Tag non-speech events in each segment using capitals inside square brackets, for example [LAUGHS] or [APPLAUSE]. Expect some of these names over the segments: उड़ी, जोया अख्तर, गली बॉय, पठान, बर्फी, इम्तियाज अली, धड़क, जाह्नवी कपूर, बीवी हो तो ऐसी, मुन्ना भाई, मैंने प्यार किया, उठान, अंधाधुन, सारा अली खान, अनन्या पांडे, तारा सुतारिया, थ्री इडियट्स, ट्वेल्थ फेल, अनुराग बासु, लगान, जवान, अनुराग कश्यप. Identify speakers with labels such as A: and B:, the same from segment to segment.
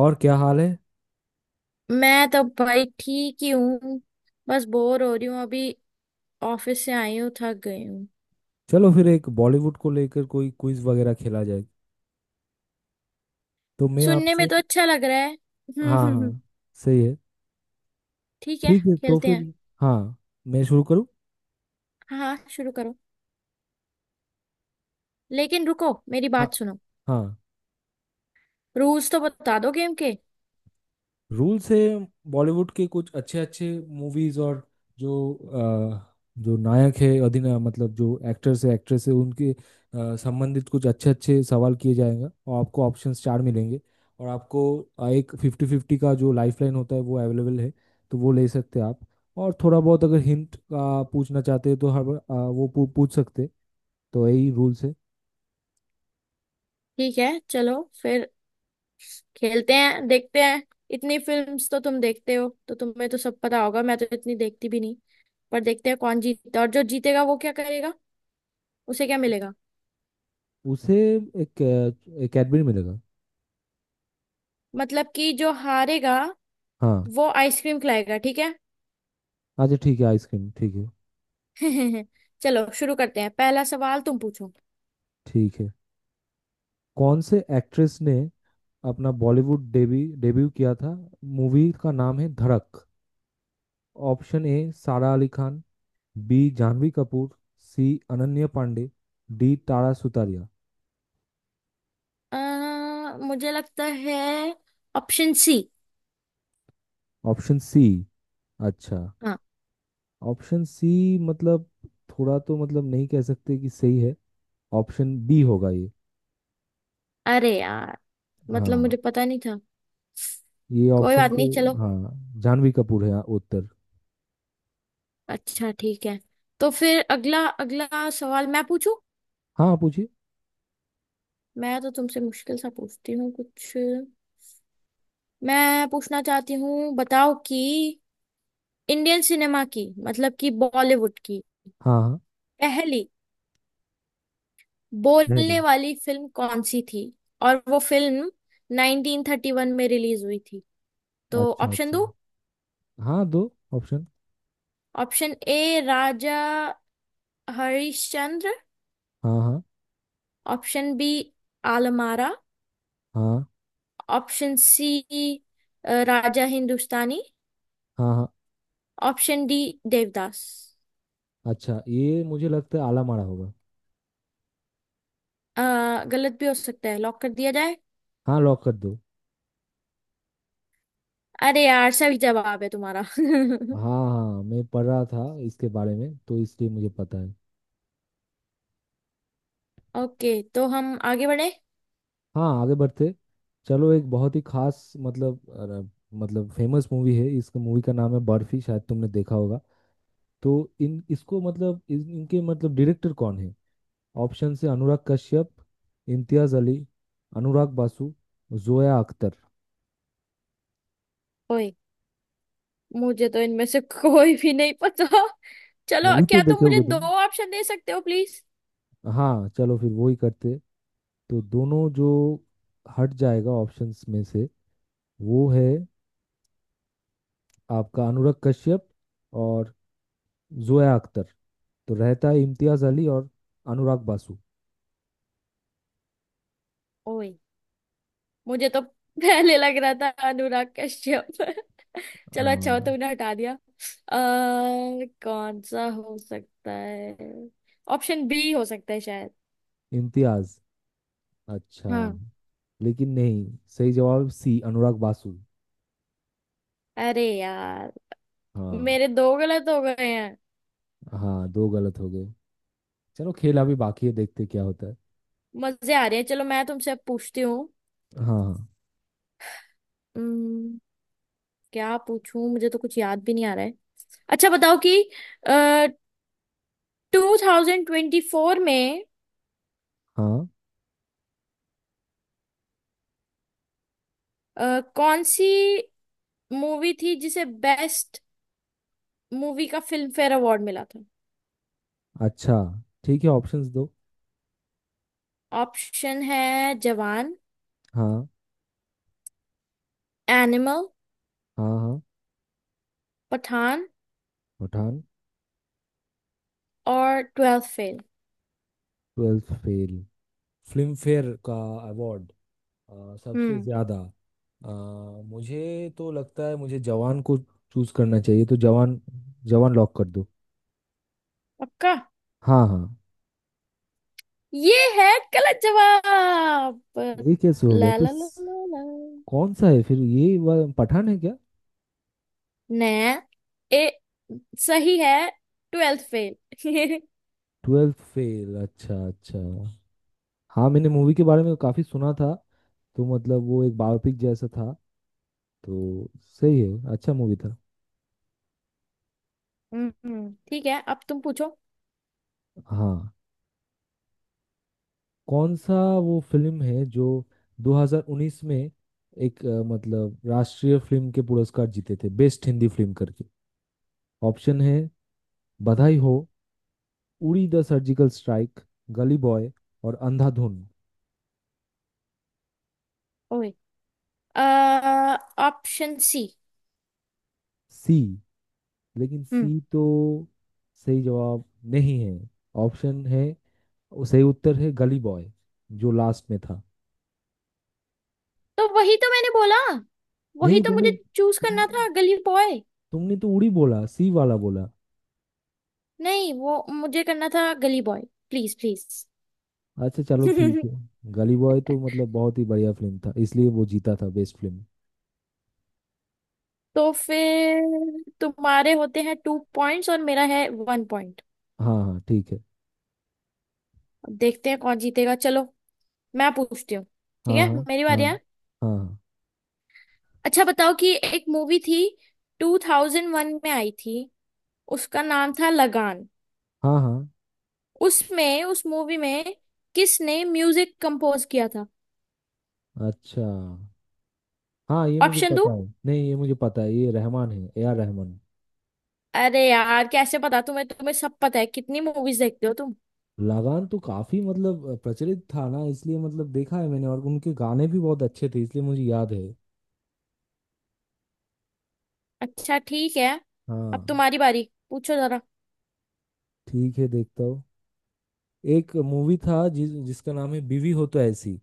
A: और क्या हाल है।
B: मैं तो भाई ठीक ही हूँ। बस बोर हो रही हूँ अभी। ऑफिस से आई हूँ, थक गई हूँ।
A: चलो फिर एक बॉलीवुड को लेकर कोई क्विज वगैरह खेला जाए तो मैं
B: सुनने में
A: आपसे।
B: तो अच्छा लग रहा है।
A: हाँ हाँ।
B: [LAUGHS]
A: सही है।
B: ठीक है,
A: ठीक है तो
B: खेलते
A: फिर।
B: हैं।
A: हाँ, मैं शुरू करूँ?
B: हाँ हाँ, शुरू करो। लेकिन रुको, मेरी
A: हाँ
B: बात सुनो।
A: हाँ,
B: रूल्स तो बता दो गेम के।
A: रूल से बॉलीवुड के कुछ अच्छे अच्छे मूवीज और जो जो नायक है अधिनायक मतलब जो एक्टर्स है एक्ट्रेस है उनके संबंधित कुछ अच्छे अच्छे सवाल किए जाएंगे और आपको ऑप्शंस चार मिलेंगे। और आपको एक फिफ्टी फिफ्टी का जो लाइफलाइन होता है वो अवेलेबल है तो वो ले सकते हैं आप। और थोड़ा बहुत अगर हिंट का पूछना चाहते हैं तो हर बार, वो पूछ सकते हैं। तो यही रूल से।
B: ठीक है, चलो फिर खेलते हैं, देखते हैं। इतनी फिल्म्स तो तुम देखते हो, तो तुम्हें तो सब पता होगा, मैं तो इतनी देखती भी नहीं। पर देखते हैं कौन जीतता है, और जो जीतेगा वो क्या करेगा, उसे क्या मिलेगा।
A: उसे एक एक एडमिन मिलेगा।
B: मतलब कि जो हारेगा
A: हाँ।
B: वो आइसक्रीम खिलाएगा, ठीक है।
A: अच्छा ठीक है, आइसक्रीम ठीक है।
B: [LAUGHS] चलो शुरू करते हैं, पहला सवाल तुम पूछो।
A: ठीक है। कौन से एक्ट्रेस ने अपना बॉलीवुड डेबी डेब्यू किया था? मूवी का नाम है धड़क। Option A सारा अली खान, B जाह्नवी कपूर, C अनन्या पांडे, D तारा सुतारिया।
B: अ, मुझे लगता है ऑप्शन सी।
A: Option C? अच्छा।
B: हाँ।
A: ऑप्शन सी मतलब थोड़ा तो मतलब नहीं कह सकते कि सही है। ऑप्शन बी होगा ये।
B: अरे यार, मतलब
A: हाँ,
B: मुझे पता नहीं था।
A: ये
B: कोई
A: ऑप्शन
B: बात नहीं,
A: तो।
B: चलो।
A: हाँ, जाह्नवी कपूर है उत्तर।
B: अच्छा ठीक है। तो फिर अगला अगला सवाल मैं पूछूं।
A: हाँ पूछिए।
B: मैं तो तुमसे मुश्किल सा पूछती हूँ कुछ। मैं पूछना चाहती हूँ, बताओ कि इंडियन सिनेमा की, मतलब कि बॉलीवुड की
A: हाँ हाँ।
B: पहली
A: नहीं नहीं।
B: बोलने वाली फिल्म कौन सी थी, और वो फिल्म 1931 में रिलीज हुई थी तो।
A: अच्छा
B: ऑप्शन
A: अच्छा।
B: दो।
A: हाँ, दो option.
B: Option A, Raja Harishchandra.
A: हाँ हाँ।
B: Option B, आलमारा।
A: हाँ
B: ऑप्शन सी, राजा हिंदुस्तानी।
A: हाँ। हाँ।
B: Option D, Devdas.
A: अच्छा ये मुझे लगता है आला मारा होगा।
B: गलत भी हो सकता है, लॉक कर दिया जाए।
A: हाँ लॉक कर दो।
B: अरे यार, सही जवाब है तुम्हारा। [LAUGHS]
A: हाँ। हाँ मैं पढ़ रहा था इसके बारे में तो इसलिए मुझे पता है।
B: ओके, तो हम आगे बढ़े।
A: हाँ आगे बढ़ते। चलो एक बहुत ही खास मतलब मतलब फेमस मूवी है, इसका मूवी का नाम है बर्फी, शायद तुमने देखा होगा। तो इन इसको मतलब इनके मतलब डायरेक्टर कौन है? ऑप्शन से अनुराग कश्यप, इम्तियाज अली, अनुराग बासु, जोया अख्तर।
B: ओए, मुझे तो इनमें से कोई भी नहीं पता। चलो,
A: मूवी तो
B: क्या तुम
A: देखे
B: मुझे
A: होगे
B: दो
A: तुम।
B: ऑप्शन दे सकते हो, प्लीज।
A: हाँ चलो फिर वही करते। तो दोनों जो हट जाएगा ऑप्शंस में से वो है आपका अनुराग कश्यप और जोया अख्तर। तो रहता है इम्तियाज अली और अनुराग बासु।
B: ओए, मुझे तो पहले लग रहा था अनुराग कश्यप। [LAUGHS] चलो अच्छा हो,
A: हाँ।
B: तुमने हटा दिया। कौन सा हो सकता है? ऑप्शन बी हो सकता है शायद।
A: इम्तियाज? अच्छा।
B: हाँ।
A: लेकिन नहीं, सही जवाब सी अनुराग बासु।
B: अरे यार,
A: हाँ,
B: मेरे दो गलत हो गए हैं।
A: हाँ दो गलत हो गए। चलो खेल अभी बाकी है देखते क्या होता है।
B: मजे आ रहे हैं, चलो मैं तुमसे अब पूछती हूँ।
A: हाँ हाँ।
B: हम्म, क्या पूछूं, मुझे तो कुछ याद भी नहीं आ रहा है। अच्छा बताओ कि 2024 में
A: हाँ।
B: कौन सी मूवी थी जिसे बेस्ट मूवी का फिल्म फेयर अवार्ड मिला था।
A: अच्छा ठीक है, ऑप्शंस दो।
B: ऑप्शन है जवान,
A: हाँ।
B: एनिमल,
A: हाँ हाँ।
B: पठान
A: उठान।
B: और ट्वेल्थ फेल।
A: ट्वेल्थ फेल। Filmfare का अवार्ड सबसे
B: हम्म
A: ज़्यादा अ, मुझे तो लगता है मुझे जवान को चूज करना चाहिए, तो जवान। जवान लॉक कर दो।
B: पक्का?
A: हाँ हाँ।
B: ये है गलत जवाब।
A: ये कैसे हो गया?
B: ला ला ला ला ला।
A: कौन सा है फिर? पठान है क्या?
B: ने, ए, सही है, ट्वेल्थ फेल। [LAUGHS]
A: ट्वेल्थ फेल? अच्छा अच्छा। हाँ मैंने मूवी के बारे में काफ़ी सुना था, तो मतलब वो एक बायोपिक जैसा था। तो सही है, अच्छा मूवी था।
B: ठीक है, अब तुम पूछो।
A: हाँ। कौन सा वो फिल्म है जो 2019 में एक मतलब राष्ट्रीय फिल्म के पुरस्कार जीते थे बेस्ट हिंदी फिल्म करके? ऑप्शन है Badhaai Ho, उड़ी the surgical strike, गली बॉय और अंधाधुन।
B: ओए, ऑप्शन सी।
A: सी? लेकिन सी
B: हम्म
A: तो सही जवाब नहीं है। ऑप्शन है, सही उत्तर है गली बॉय, जो लास्ट में था।
B: तो वही तो मैंने बोला। वही
A: नहीं
B: तो
A: तुमने
B: मुझे चूज
A: तुम
B: करना था, गली बॉय।
A: तुमने तो उड़ी बोला, सी वाला बोला।
B: नहीं, वो मुझे करना था गली बॉय। Please please.
A: अच्छा चलो ठीक है।
B: [LAUGHS]
A: गली बॉय तो मतलब बहुत ही बढ़िया फिल्म था, इसलिए वो जीता था बेस्ट फिल्म।
B: तो फिर तुम्हारे होते हैं 2 पॉइंट्स, और मेरा है 1 पॉइंट।
A: हाँ हाँ ठीक है।
B: अब देखते हैं कौन जीतेगा, चलो मैं पूछती हूँ।
A: हाँ
B: ठीक है,
A: हाँ।
B: मेरी बारी
A: हाँ
B: है।
A: हाँ।
B: अच्छा बताओ कि एक मूवी थी, 2001 में आई थी, उसका नाम था लगान।
A: हाँ हाँ।
B: उसमें, उस मूवी में किसने म्यूजिक कंपोज किया था।
A: अच्छा। हाँ ये मुझे
B: ऑप्शन दो।
A: पता है, नहीं ये मुझे पता है, ये रहमान है, ए आर रहमान।
B: अरे यार, कैसे पता तुम्हें? तुम्हें सब पता है, कितनी मूवीज देखते हो।
A: लगान तो काफी मतलब प्रचलित था ना, इसलिए मतलब देखा है मैंने, और उनके गाने भी बहुत अच्छे थे इसलिए मुझे याद है।
B: अच्छा ठीक है। अब
A: हाँ।
B: तुम्हारी बारी, पूछो जरा।
A: ठीक है देखता हूँ। एक मूवी था जिसका नाम है बीवी हो तो ऐसी।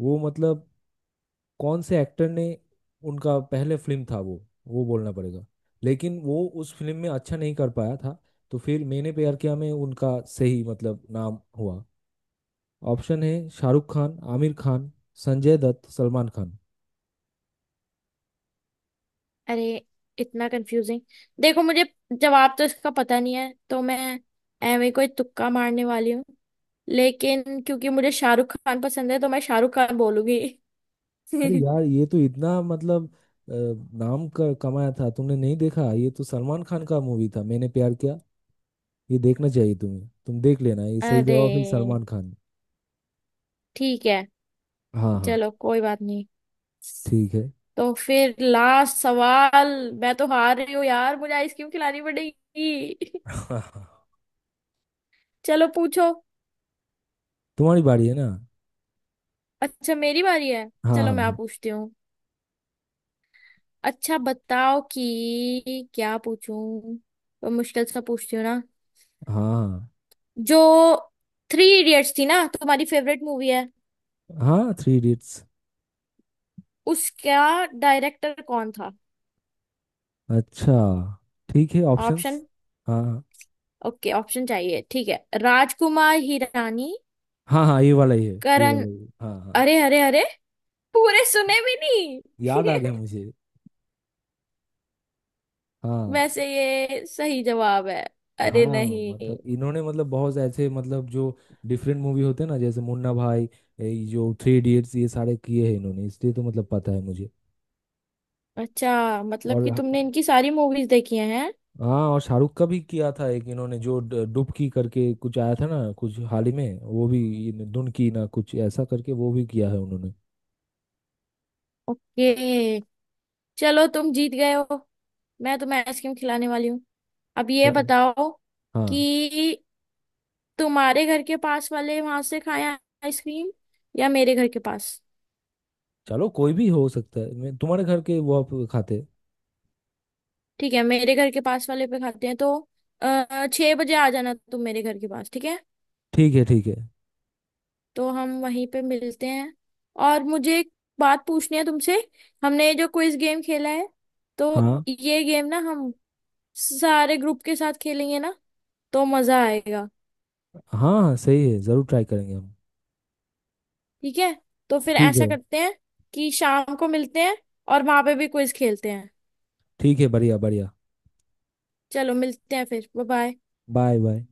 A: वो मतलब कौन से एक्टर ने, उनका पहले फिल्म था वो बोलना पड़ेगा। लेकिन वो उस फिल्म में अच्छा नहीं कर पाया था, तो फिर मैंने प्यार किया में उनका सही मतलब नाम हुआ। ऑप्शन है शाहरुख खान, आमिर खान, संजय दत्त, सलमान खान।
B: अरे, इतना कंफ्यूजिंग। देखो, मुझे जवाब तो इसका पता नहीं है, तो मैं एवे कोई तुक्का मारने वाली हूँ। लेकिन क्योंकि मुझे शाहरुख खान पसंद है, तो मैं शाहरुख खान बोलूंगी।
A: अरे
B: [LAUGHS]
A: यार ये तो इतना मतलब नाम का कमाया था, तुमने नहीं देखा? ये तो सलमान खान का मूवी था, मैंने प्यार किया। ये देखना चाहिए तुम्हें, तुम देख लेना, ये सही
B: अरे
A: जवाब है सलमान खान।
B: ठीक है,
A: हाँ हाँ
B: चलो कोई बात नहीं।
A: ठीक है।
B: तो फिर लास्ट सवाल। मैं तो हार रही हूँ यार, मुझे आइसक्रीम खिलानी पड़ेगी।
A: [LAUGHS]
B: [LAUGHS] चलो पूछो।
A: तुम्हारी बारी है ना?
B: अच्छा, मेरी बारी है,
A: हाँ
B: चलो
A: हाँ
B: मैं
A: हाँ।
B: पूछती हूँ। अच्छा बताओ कि क्या पूछूं। तो मुश्किल सा पूछती हूँ ना।
A: हाँ हाँ
B: जो थ्री इडियट्स थी ना, तुम्हारी फेवरेट मूवी है,
A: हाँ। थ्री इडियट्स।
B: उसका डायरेक्टर कौन था।
A: अच्छा ठीक है, ऑप्शंस।
B: ऑप्शन।
A: हाँ।
B: ओके ऑप्शन चाहिए, ठीक है, राजकुमार हिरानी,
A: हाँ हाँ ये वाला ही है, ये
B: करण।
A: वाला ही है, हाँ हाँ।
B: अरे अरे अरे, पूरे सुने भी
A: याद
B: नहीं।
A: आ गया
B: [LAUGHS]
A: मुझे। हाँ।
B: वैसे ये सही जवाब है।
A: हाँ
B: अरे नहीं।
A: मतलब इन्होंने मतलब बहुत ऐसे मतलब जो डिफरेंट मूवी होते हैं ना, जैसे मुन्ना भाई, ये जो थ्री इडियट्स, ये सारे किए हैं इन्होंने, इसलिए तो मतलब पता है मुझे।
B: अच्छा, मतलब
A: और
B: कि तुमने इनकी सारी मूवीज देखी हैं?
A: हाँ, और शाहरुख का भी किया था एक इन्होंने, जो डुबकी करके कुछ आया था ना कुछ हाल ही में, वो भी, धुन की ना कुछ ऐसा करके, वो भी किया है उन्होंने।
B: ओके। चलो तुम जीत गए हो, मैं तुम्हें आइसक्रीम खिलाने वाली हूँ। अब ये
A: या-
B: बताओ
A: हाँ
B: कि तुम्हारे घर के पास वाले वहां से खाएं आइसक्रीम, या मेरे घर के पास।
A: चलो कोई भी हो सकता है, मैं तुम्हारे घर के वो आप खाते।
B: ठीक है, मेरे घर के पास वाले पे खाते हैं, तो अः 6 बजे आ जाना तुम मेरे घर के पास, ठीक है।
A: ठीक है ठीक है।
B: तो हम वहीं पे मिलते हैं। और मुझे एक बात पूछनी है तुमसे, हमने ये जो क्विज गेम खेला है तो
A: हाँ
B: ये गेम ना हम सारे ग्रुप के साथ खेलेंगे ना, तो मजा आएगा।
A: हाँ हाँ, सही है, जरूर ट्राई करेंगे हम।
B: ठीक है, तो फिर
A: ठीक
B: ऐसा
A: है।
B: करते हैं कि शाम को मिलते हैं, और वहां पे भी क्विज खेलते हैं।
A: ठीक है बढ़िया बढ़िया।
B: चलो मिलते हैं फिर, बाय बाय।
A: Bye bye.